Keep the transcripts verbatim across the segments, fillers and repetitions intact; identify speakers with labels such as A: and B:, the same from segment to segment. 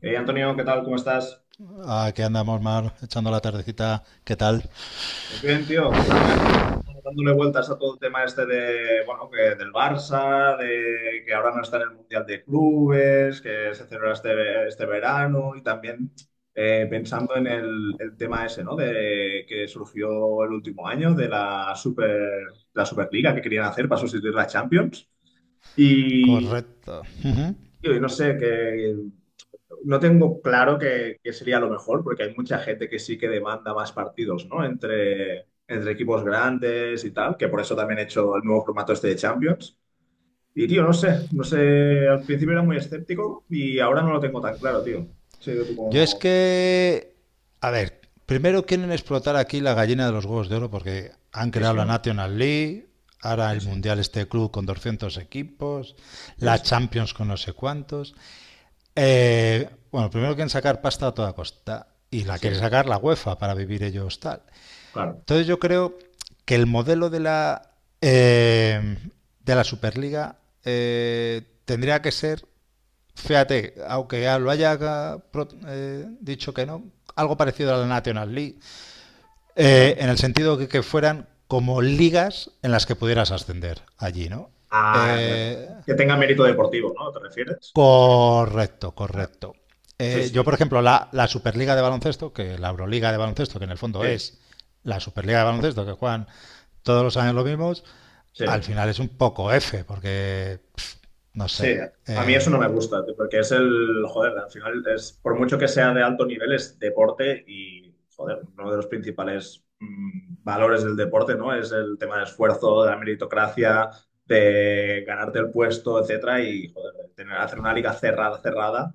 A: Eh, Antonio, ¿qué tal? ¿Cómo estás?
B: Aquí andamos, Mar, echando la tardecita. ¿Qué tal?
A: Pues bien, tío. Nada, estaba dándole vueltas a todo el tema este de, bueno, que del Barça, de que ahora no está en el Mundial de Clubes, que se celebra este, este verano y también eh, pensando en el, el tema ese, ¿no? De que surgió el último año de la Super, la Superliga que querían hacer para sustituir la Champions. Y,
B: Correcto. Ujú.
A: tío, y no sé, que no tengo claro que, que sería lo mejor, porque hay mucha gente que sí que demanda más partidos, ¿no? Entre, entre equipos grandes y tal, que por eso también he hecho el nuevo formato este de Champions. Y, tío, no sé, no sé, al principio era muy escéptico y ahora no lo tengo tan claro, tío. No sé tú
B: Yo es
A: cómo-
B: que, a ver, primero quieren explotar aquí la gallina de los huevos de oro porque han
A: Sí,
B: creado
A: sí,
B: la
A: obvio.
B: National League, ahora
A: Sí,
B: el
A: sí,
B: Mundial este club con doscientos equipos,
A: sí,
B: la
A: sí,
B: Champions con no sé cuántos. Eh, bueno, primero quieren sacar pasta a toda costa y la quiere
A: sí,
B: sacar la UEFA para vivir ellos tal.
A: claro,
B: Entonces yo creo que el modelo de la, eh, de la Superliga eh, tendría que ser, fíjate, aunque ya lo haya eh, dicho que no, algo parecido a la National League, eh,
A: vale.
B: en el sentido que, que fueran como ligas en las que pudieras ascender allí, ¿no?
A: Ah, vale,
B: Eh,
A: vale. Que tenga mérito deportivo, ¿no? ¿Te refieres? O sea, que-
B: Correcto,
A: vale.
B: correcto.
A: Sí,
B: Eh, yo, por
A: sí,
B: ejemplo, la, la, Superliga de Baloncesto, que la Euroliga de Baloncesto, que en el fondo
A: sí,
B: es la Superliga de Baloncesto, que juegan todos los años los mismos,
A: sí.
B: al final es un poco F, porque, pff, no
A: Sí,
B: sé,
A: a mí eso no
B: eh,
A: me gusta, tío, porque es el, joder, al final es, por mucho que sea de alto nivel, es deporte y, joder, uno de los principales mm, valores del deporte, ¿no? Es el tema del esfuerzo, de la meritocracia, de ganarte el puesto, etcétera, y, joder, de tener, hacer una liga cerrada, cerrada,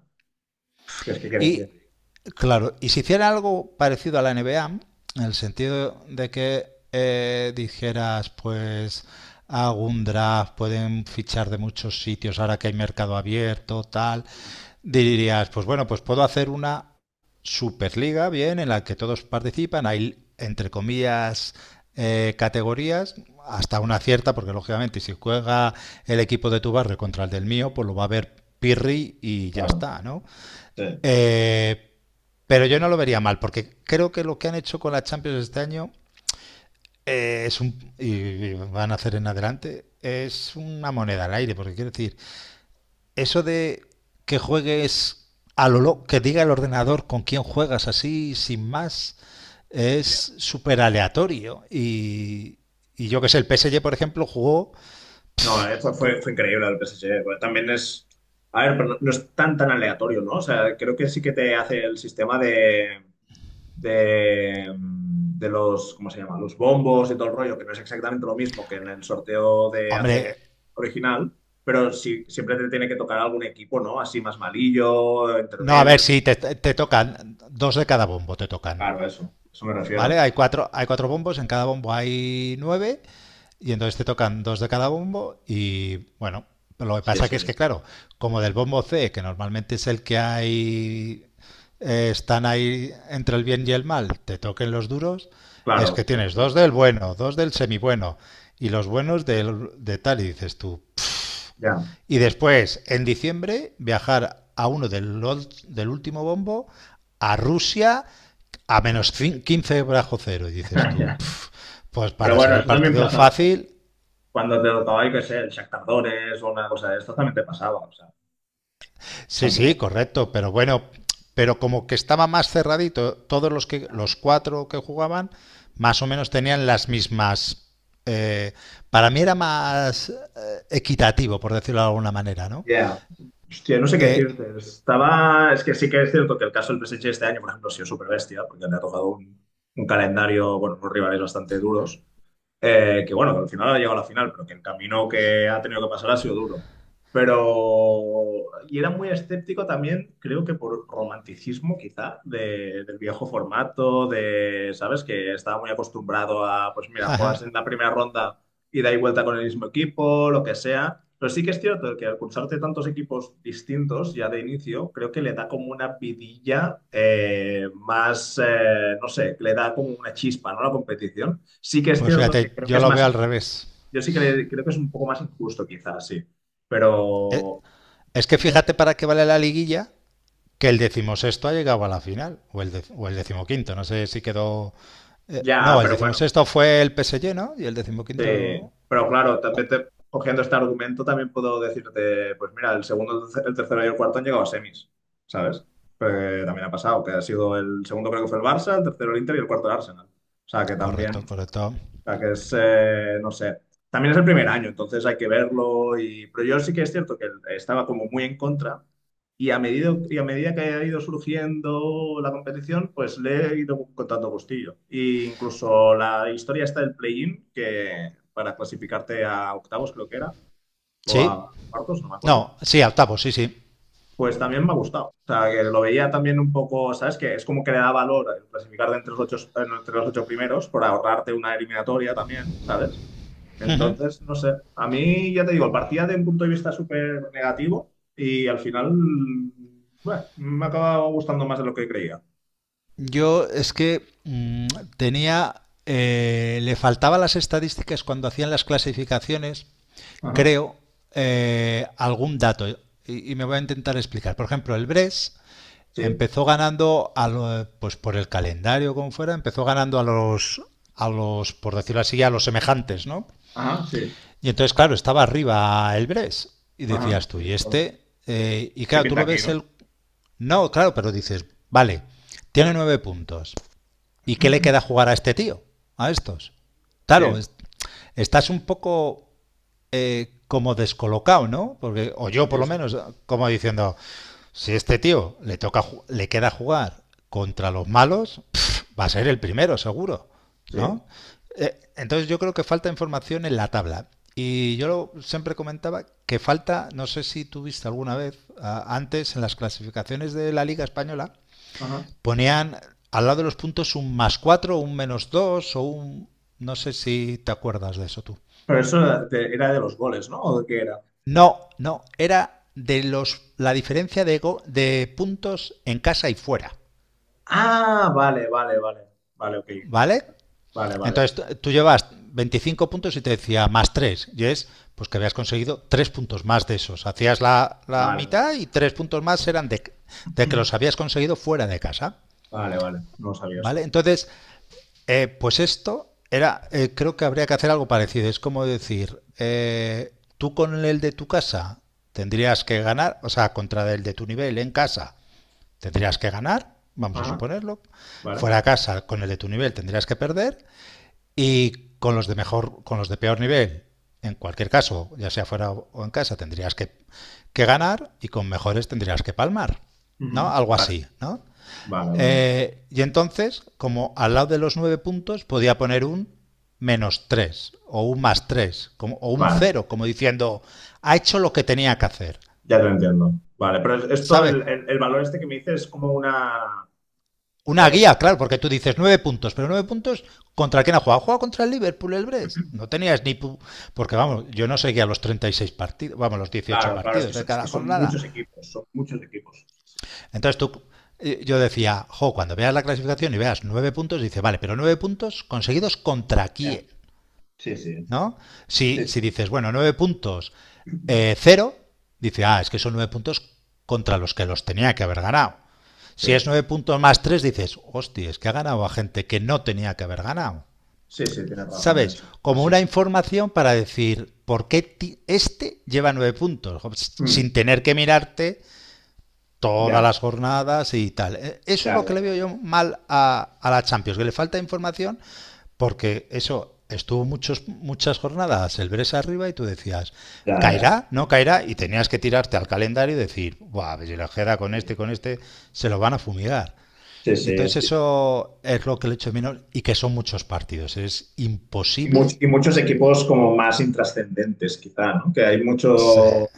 A: pf, que es que, que-
B: y
A: que-
B: claro, y si hiciera algo parecido a la N B A, en el sentido de que eh, dijeras, pues hago un draft, pueden fichar de muchos sitios ahora que hay mercado abierto, tal, dirías, pues bueno, pues puedo hacer una superliga, bien, en la que todos participan, hay entre comillas eh, categorías, hasta una cierta, porque lógicamente si juega el equipo de tu barrio contra el del mío, pues lo va a ver Pirri y ya
A: claro,
B: está, ¿no?
A: sí.
B: Eh, pero yo no lo vería mal, porque creo que lo que han hecho con la Champions este año eh, es un, y, y van a hacer en adelante es una moneda al aire, porque quiero decir, eso de que juegues a lo lo- que diga el ordenador con quién juegas así, sin más,
A: Ya.
B: es súper aleatorio. Y, y yo que sé, el P S G, por ejemplo, jugó...
A: No, eh, fue, fue,
B: cu-
A: increíble el P S G. Bueno, también es. A ver, pero no, no es tan tan aleatorio, ¿no? O sea, creo que sí que te hace el sistema de. De, mm, de los, ¿cómo se llama? Los bombos y todo el rollo, que no es exactamente lo mismo que en el sorteo de hace
B: Hombre,
A: original, pero sí, siempre te tiene que tocar algún equipo, ¿no? Así más malillo,
B: no, a ver
A: intermedio.
B: si te, te tocan, dos de cada bombo te tocan.
A: Claro, eso, eso me refiero.
B: ¿Vale? Hay cuatro, hay cuatro bombos, en cada bombo hay nueve, y entonces te tocan dos de cada bombo, y bueno, lo que
A: Sí,
B: pasa que es
A: sí,
B: que, claro, como del bombo C, que normalmente es el que hay, eh, están ahí entre el bien y el mal, te toquen los duros, es
A: claro,
B: que
A: eso
B: tienes
A: que le
B: dos
A: pasó.
B: del bueno, dos del semibueno, y los buenos del, de tal, y dices tú,
A: Ya.
B: y después, en diciembre, viajar a uno del, del último bombo, a Rusia, a menos quince bajo cero. Y dices tú,
A: Ya.
B: pues
A: Pero
B: para ser
A: bueno,
B: el
A: eso también
B: partido
A: pasa
B: fácil,
A: cuando te tocaba, yo qué sé, el Shakhtar Donetsk o una cosa de esto también te pasaba, o sea,
B: sí,
A: tampoco
B: sí,
A: está...
B: correcto, pero bueno, pero como que estaba más cerradito, todos los, que, los cuatro que jugaban más o menos tenían las mismas... Eh, para mí era más eh, equitativo, por decirlo de alguna manera, ¿no?
A: Ya, hostia, no sé qué
B: Eh,
A: decirte. Estaba. Es que sí que es cierto que el caso del P S G este año, por ejemplo, ha sido súper bestia, porque le ha tocado un, un calendario, bueno, unos rivales bastante duros. Eh, que bueno, que al final ha llegado a la final, pero que el camino que ha tenido que pasar ha sido duro. Pero. Y era muy escéptico también, creo que por romanticismo, quizá, de- del viejo formato, de. ¿Sabes? Que estaba muy acostumbrado a, pues mira,
B: jaja,
A: juegas en la primera ronda y da y vuelta con el mismo equipo, lo que sea. Pero sí que es cierto que al cursarte tantos equipos distintos ya de inicio, creo que le da como una vidilla eh, más, eh, no sé, le da como una chispa, ¿no? A la competición. Sí que es
B: pues
A: cierto que
B: fíjate,
A: creo que
B: yo
A: es
B: lo
A: más
B: veo al
A: injusto.
B: revés.
A: Yo sí que le- creo que es un poco más injusto, quizás, sí.
B: Eh,
A: Pero,
B: Es que
A: no sé.
B: fíjate para qué vale la liguilla que el decimosexto ha llegado a la final, o el, de, o el decimoquinto, no sé si quedó... eh,
A: Ya,
B: no, el
A: pero bueno,
B: decimosexto fue el P S G, ¿no? Y el
A: sí,
B: decimoquinto...
A: pero claro, también te- cogiendo este argumento también puedo decirte, pues mira, el segundo, el terce- el tercero y el cuarto han llegado a semis, ¿sabes? Porque también ha pasado, que ha sido el segundo creo que fue el Barça, el tercero el Inter y el cuarto el Arsenal. O sea, que también
B: Correcto, correcto.
A: sea, que es, eh, no sé, también es el primer año, entonces hay que verlo. Y... Pero yo sí que es cierto que estaba como muy en contra y a medida, y a medida que ha ido surgiendo la competición, pues le he ido contando gustillo. E incluso la historia está del play-in, que para clasificarte a octavos creo que era, o a
B: Sí.
A: cuartos, no me acuerdo.
B: No, sí, octavo tapo, sí, sí.
A: Pues también me ha gustado. O sea, que lo veía también un poco, ¿sabes? Que es como que le da valor el clasificar de entre los ocho, entre los ocho primeros por ahorrarte una eliminatoria también, ¿sabes?
B: Ujú.
A: Entonces, no sé, a mí ya te digo, partía de un punto de vista súper negativo y al final, bueno, me ha acabado gustando más de lo que creía.
B: Yo es que mm, tenía... eh, le faltaban las estadísticas cuando hacían las clasificaciones,
A: Ajá,
B: creo, eh, algún dato. Y, y me voy a intentar explicar. Por ejemplo, el Bres
A: sí,
B: empezó ganando a lo- pues por el calendario como fuera, empezó ganando a los a los por decirlo así a los semejantes, ¿no?
A: ajá, sí,
B: Y entonces claro, estaba arriba el Bres y
A: ajá,
B: decías tú,
A: sí, de
B: y
A: acuerdo.
B: este Eh, y
A: ¿Qué
B: claro, tú
A: pinta
B: lo
A: aquí,
B: ves
A: no?
B: el no, claro, pero dices, vale, tiene nueve puntos. ¿Y qué le queda jugar a este tío? A estos.
A: Sí,
B: Claro, es- estás un poco eh, como descolocado, ¿no? Porque, o yo por
A: sí,
B: lo
A: sí,
B: menos, como diciendo, si este tío le toca le queda jugar contra los malos, pf, va a ser el primero, seguro,
A: sí,
B: ¿no? Eh, entonces yo creo que falta información en la tabla. Y yo lo- siempre comentaba que falta, no sé si tuviste alguna vez, a- antes en las clasificaciones de la Liga Española,
A: ajá.
B: ponían al lado de los puntos un más cuatro, un menos dos o un... No sé si te acuerdas de eso tú.
A: Pero eso era de, era de los goles, ¿no? ¿O de qué era?
B: No, no, era de los, la diferencia de, go, de puntos en casa y fuera,
A: Ah, vale, vale, vale, vale, ok,
B: ¿vale?
A: vale, vale,
B: Entonces tú llevas veinticinco puntos y te decía más tres, y es pues que habías conseguido tres puntos más de esos. Hacías la, la
A: vale,
B: mitad
A: vale,
B: y tres puntos más eran de, de que los habías conseguido fuera de casa,
A: vale, vale, no sabía
B: ¿vale?
A: esto.
B: Entonces Eh, pues esto era, eh, creo que habría que hacer algo parecido. Es como decir, eh, tú con el de tu casa tendrías que ganar, o sea, contra el de tu nivel en casa tendrías que ganar, vamos a
A: Ajá,
B: suponerlo.
A: vale,
B: Fuera a casa con el de tu nivel tendrías que perder y con los de mejor, con los de peor nivel, en cualquier caso, ya sea fuera o en casa, tendrías que, que ganar y con mejores tendrías que palmar, ¿no?
A: ujú,
B: Algo
A: vale,
B: así, ¿no?
A: vale, vale,
B: Eh, y entonces, como al lado de los nueve puntos, podía poner un menos tres o un más tres como, o un
A: vale.
B: cero, como diciendo, ha hecho lo que tenía que hacer.
A: Ya te entiendo. Vale, pero esto,
B: ¿Sabes?
A: el, el- el valor este que me dices es como una...
B: Una
A: eh,
B: guía,
A: una-
B: claro, porque tú dices nueve puntos, pero nueve puntos contra quién ha jugado. Ha jugado contra el Liverpool, el Brest. No tenías ni... pu- Porque vamos, yo no seguía los treinta y seis partidos, vamos, los dieciocho
A: Claro, claro, es que,
B: partidos
A: so-
B: de
A: es que
B: cada
A: son
B: jornada.
A: muchos equipos, son muchos equipos. Sí, sí.
B: Entonces tú, eh, yo decía, jo, cuando veas la clasificación y veas nueve puntos, dice, vale, pero nueve puntos conseguidos contra
A: Ya.
B: quién.
A: Sí, sí,
B: ¿No? Si,
A: sí,
B: si
A: sí.
B: dices, bueno, nueve puntos, eh, cero, dice, ah, es que son nueve puntos contra los que los tenía que haber ganado. Si es
A: Sí,
B: nueve puntos más tres dices, hostia, es que ha ganado a gente que no tenía que haber ganado.
A: sí, sí, tienes razón en
B: ¿Sabes?
A: eso. Sí,
B: Como
A: sí.
B: una información para decir, ¿por qué este lleva nueve puntos?
A: Mm.
B: Sin tener que mirarte todas
A: Ya,
B: las jornadas y tal. E, eso es
A: ya,
B: lo que
A: ya,
B: le
A: ya,
B: veo yo
A: ya.
B: mal a, a la Champions, que le falta información porque eso estuvo muchos, muchas jornadas el Bres arriba y tú decías,
A: Ya, ya.
B: ¿caerá? ¿No caerá? Y tenías que tirarte al calendario y decir, buah, si la queda con este,
A: Sí,
B: con este, se lo van a fumigar.
A: sí.
B: Y
A: Sí.
B: entonces eso es lo que le echo menos y que son muchos partidos. Es
A: Y, much-
B: imposible.
A: y muchos equipos como más intrascendentes, quizá, ¿no? Que hay mucho...
B: Sí,
A: O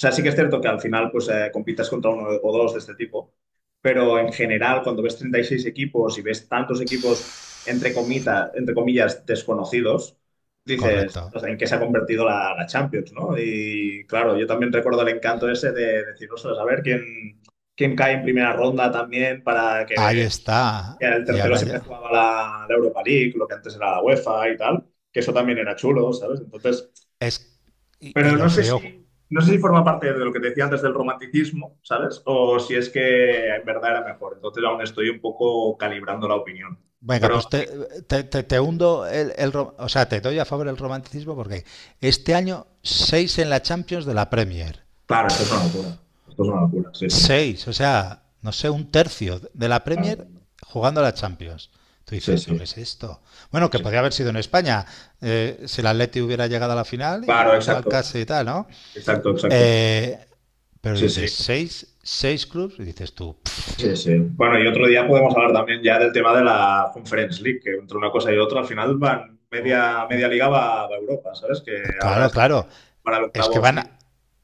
A: sea, sí que es cierto que al final pues eh, compitas contra uno o dos de este tipo, pero en general cuando ves treinta y seis equipos y ves tantos equipos entre comita- entre comillas desconocidos, dices,
B: correcto.
A: "Ostras, ¿en qué se ha convertido la, la Champions, ¿no? Y claro, yo también recuerdo el encanto ese de decir, ostras, a ver quién, quién cae en primera ronda también para
B: Ahí
A: que
B: está.
A: el
B: Y
A: tercero
B: ahora
A: siempre
B: ya.
A: jugaba la, la Europa League, lo que antes era la UEFA y tal, que eso también era chulo, ¿sabes? Entonces,
B: Es, y, y
A: pero no
B: lo
A: sé
B: feo
A: si, no sé si forma parte de lo que te decía antes del romanticismo, ¿sabes? O si es que en verdad era mejor. Entonces aún estoy un poco calibrando la opinión.
B: Venga,
A: Pero
B: pues te, te- te- te hundo el, el ro- o sea, te doy a favor el romanticismo porque este año seis en la Champions de la Premier.
A: claro, esto es una locura. Esto es una locura, sí, sí.
B: Seis, o sea, no sé, un tercio de la
A: Claro,
B: Premier
A: claro.
B: jugando a la Champions. Tú
A: Sí,
B: dices, ¿pero qué
A: sí.
B: es esto? Bueno, que
A: Sí.
B: podría haber sido en España, eh, si el Atleti hubiera llegado a la final, i-
A: Claro,
B: igual
A: exacto.
B: casi y tal, ¿no?
A: Exacto, exacto.
B: Eh, pero
A: Sí,
B: dices,
A: sí.
B: seis, seis clubes, y dices tú, "Pff,
A: Sí, sí. Bueno, y otro día podemos hablar también ya del tema de la Conference League, que entre una cosa y otra al final van
B: o-
A: media, media
B: o-
A: liga va a Europa, ¿sabes? Que ahora
B: claro,
A: es
B: claro.
A: para el
B: Es que
A: octavo
B: van
A: sí.
B: a,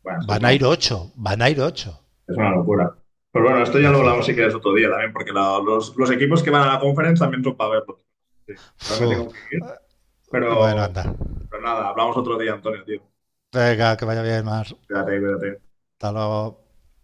A: Bueno, es que es
B: van
A: una,
B: a ir ocho, van a
A: sí,
B: ir
A: sí,
B: ocho.
A: es una locura. Pero bueno, esto ya lo
B: Dices,
A: hablamos si quieres otro día también, porque la- los, los equipos que van a la Conference también son para verlos. Sí, que ahora me
B: fu,
A: tengo que ir,
B: eh, bueno,
A: pero,
B: anda.
A: pero nada, hablamos otro día, Antonio, tío.
B: Venga, que vaya bien, Mar.
A: Quédate, cuídate.
B: Hasta luego.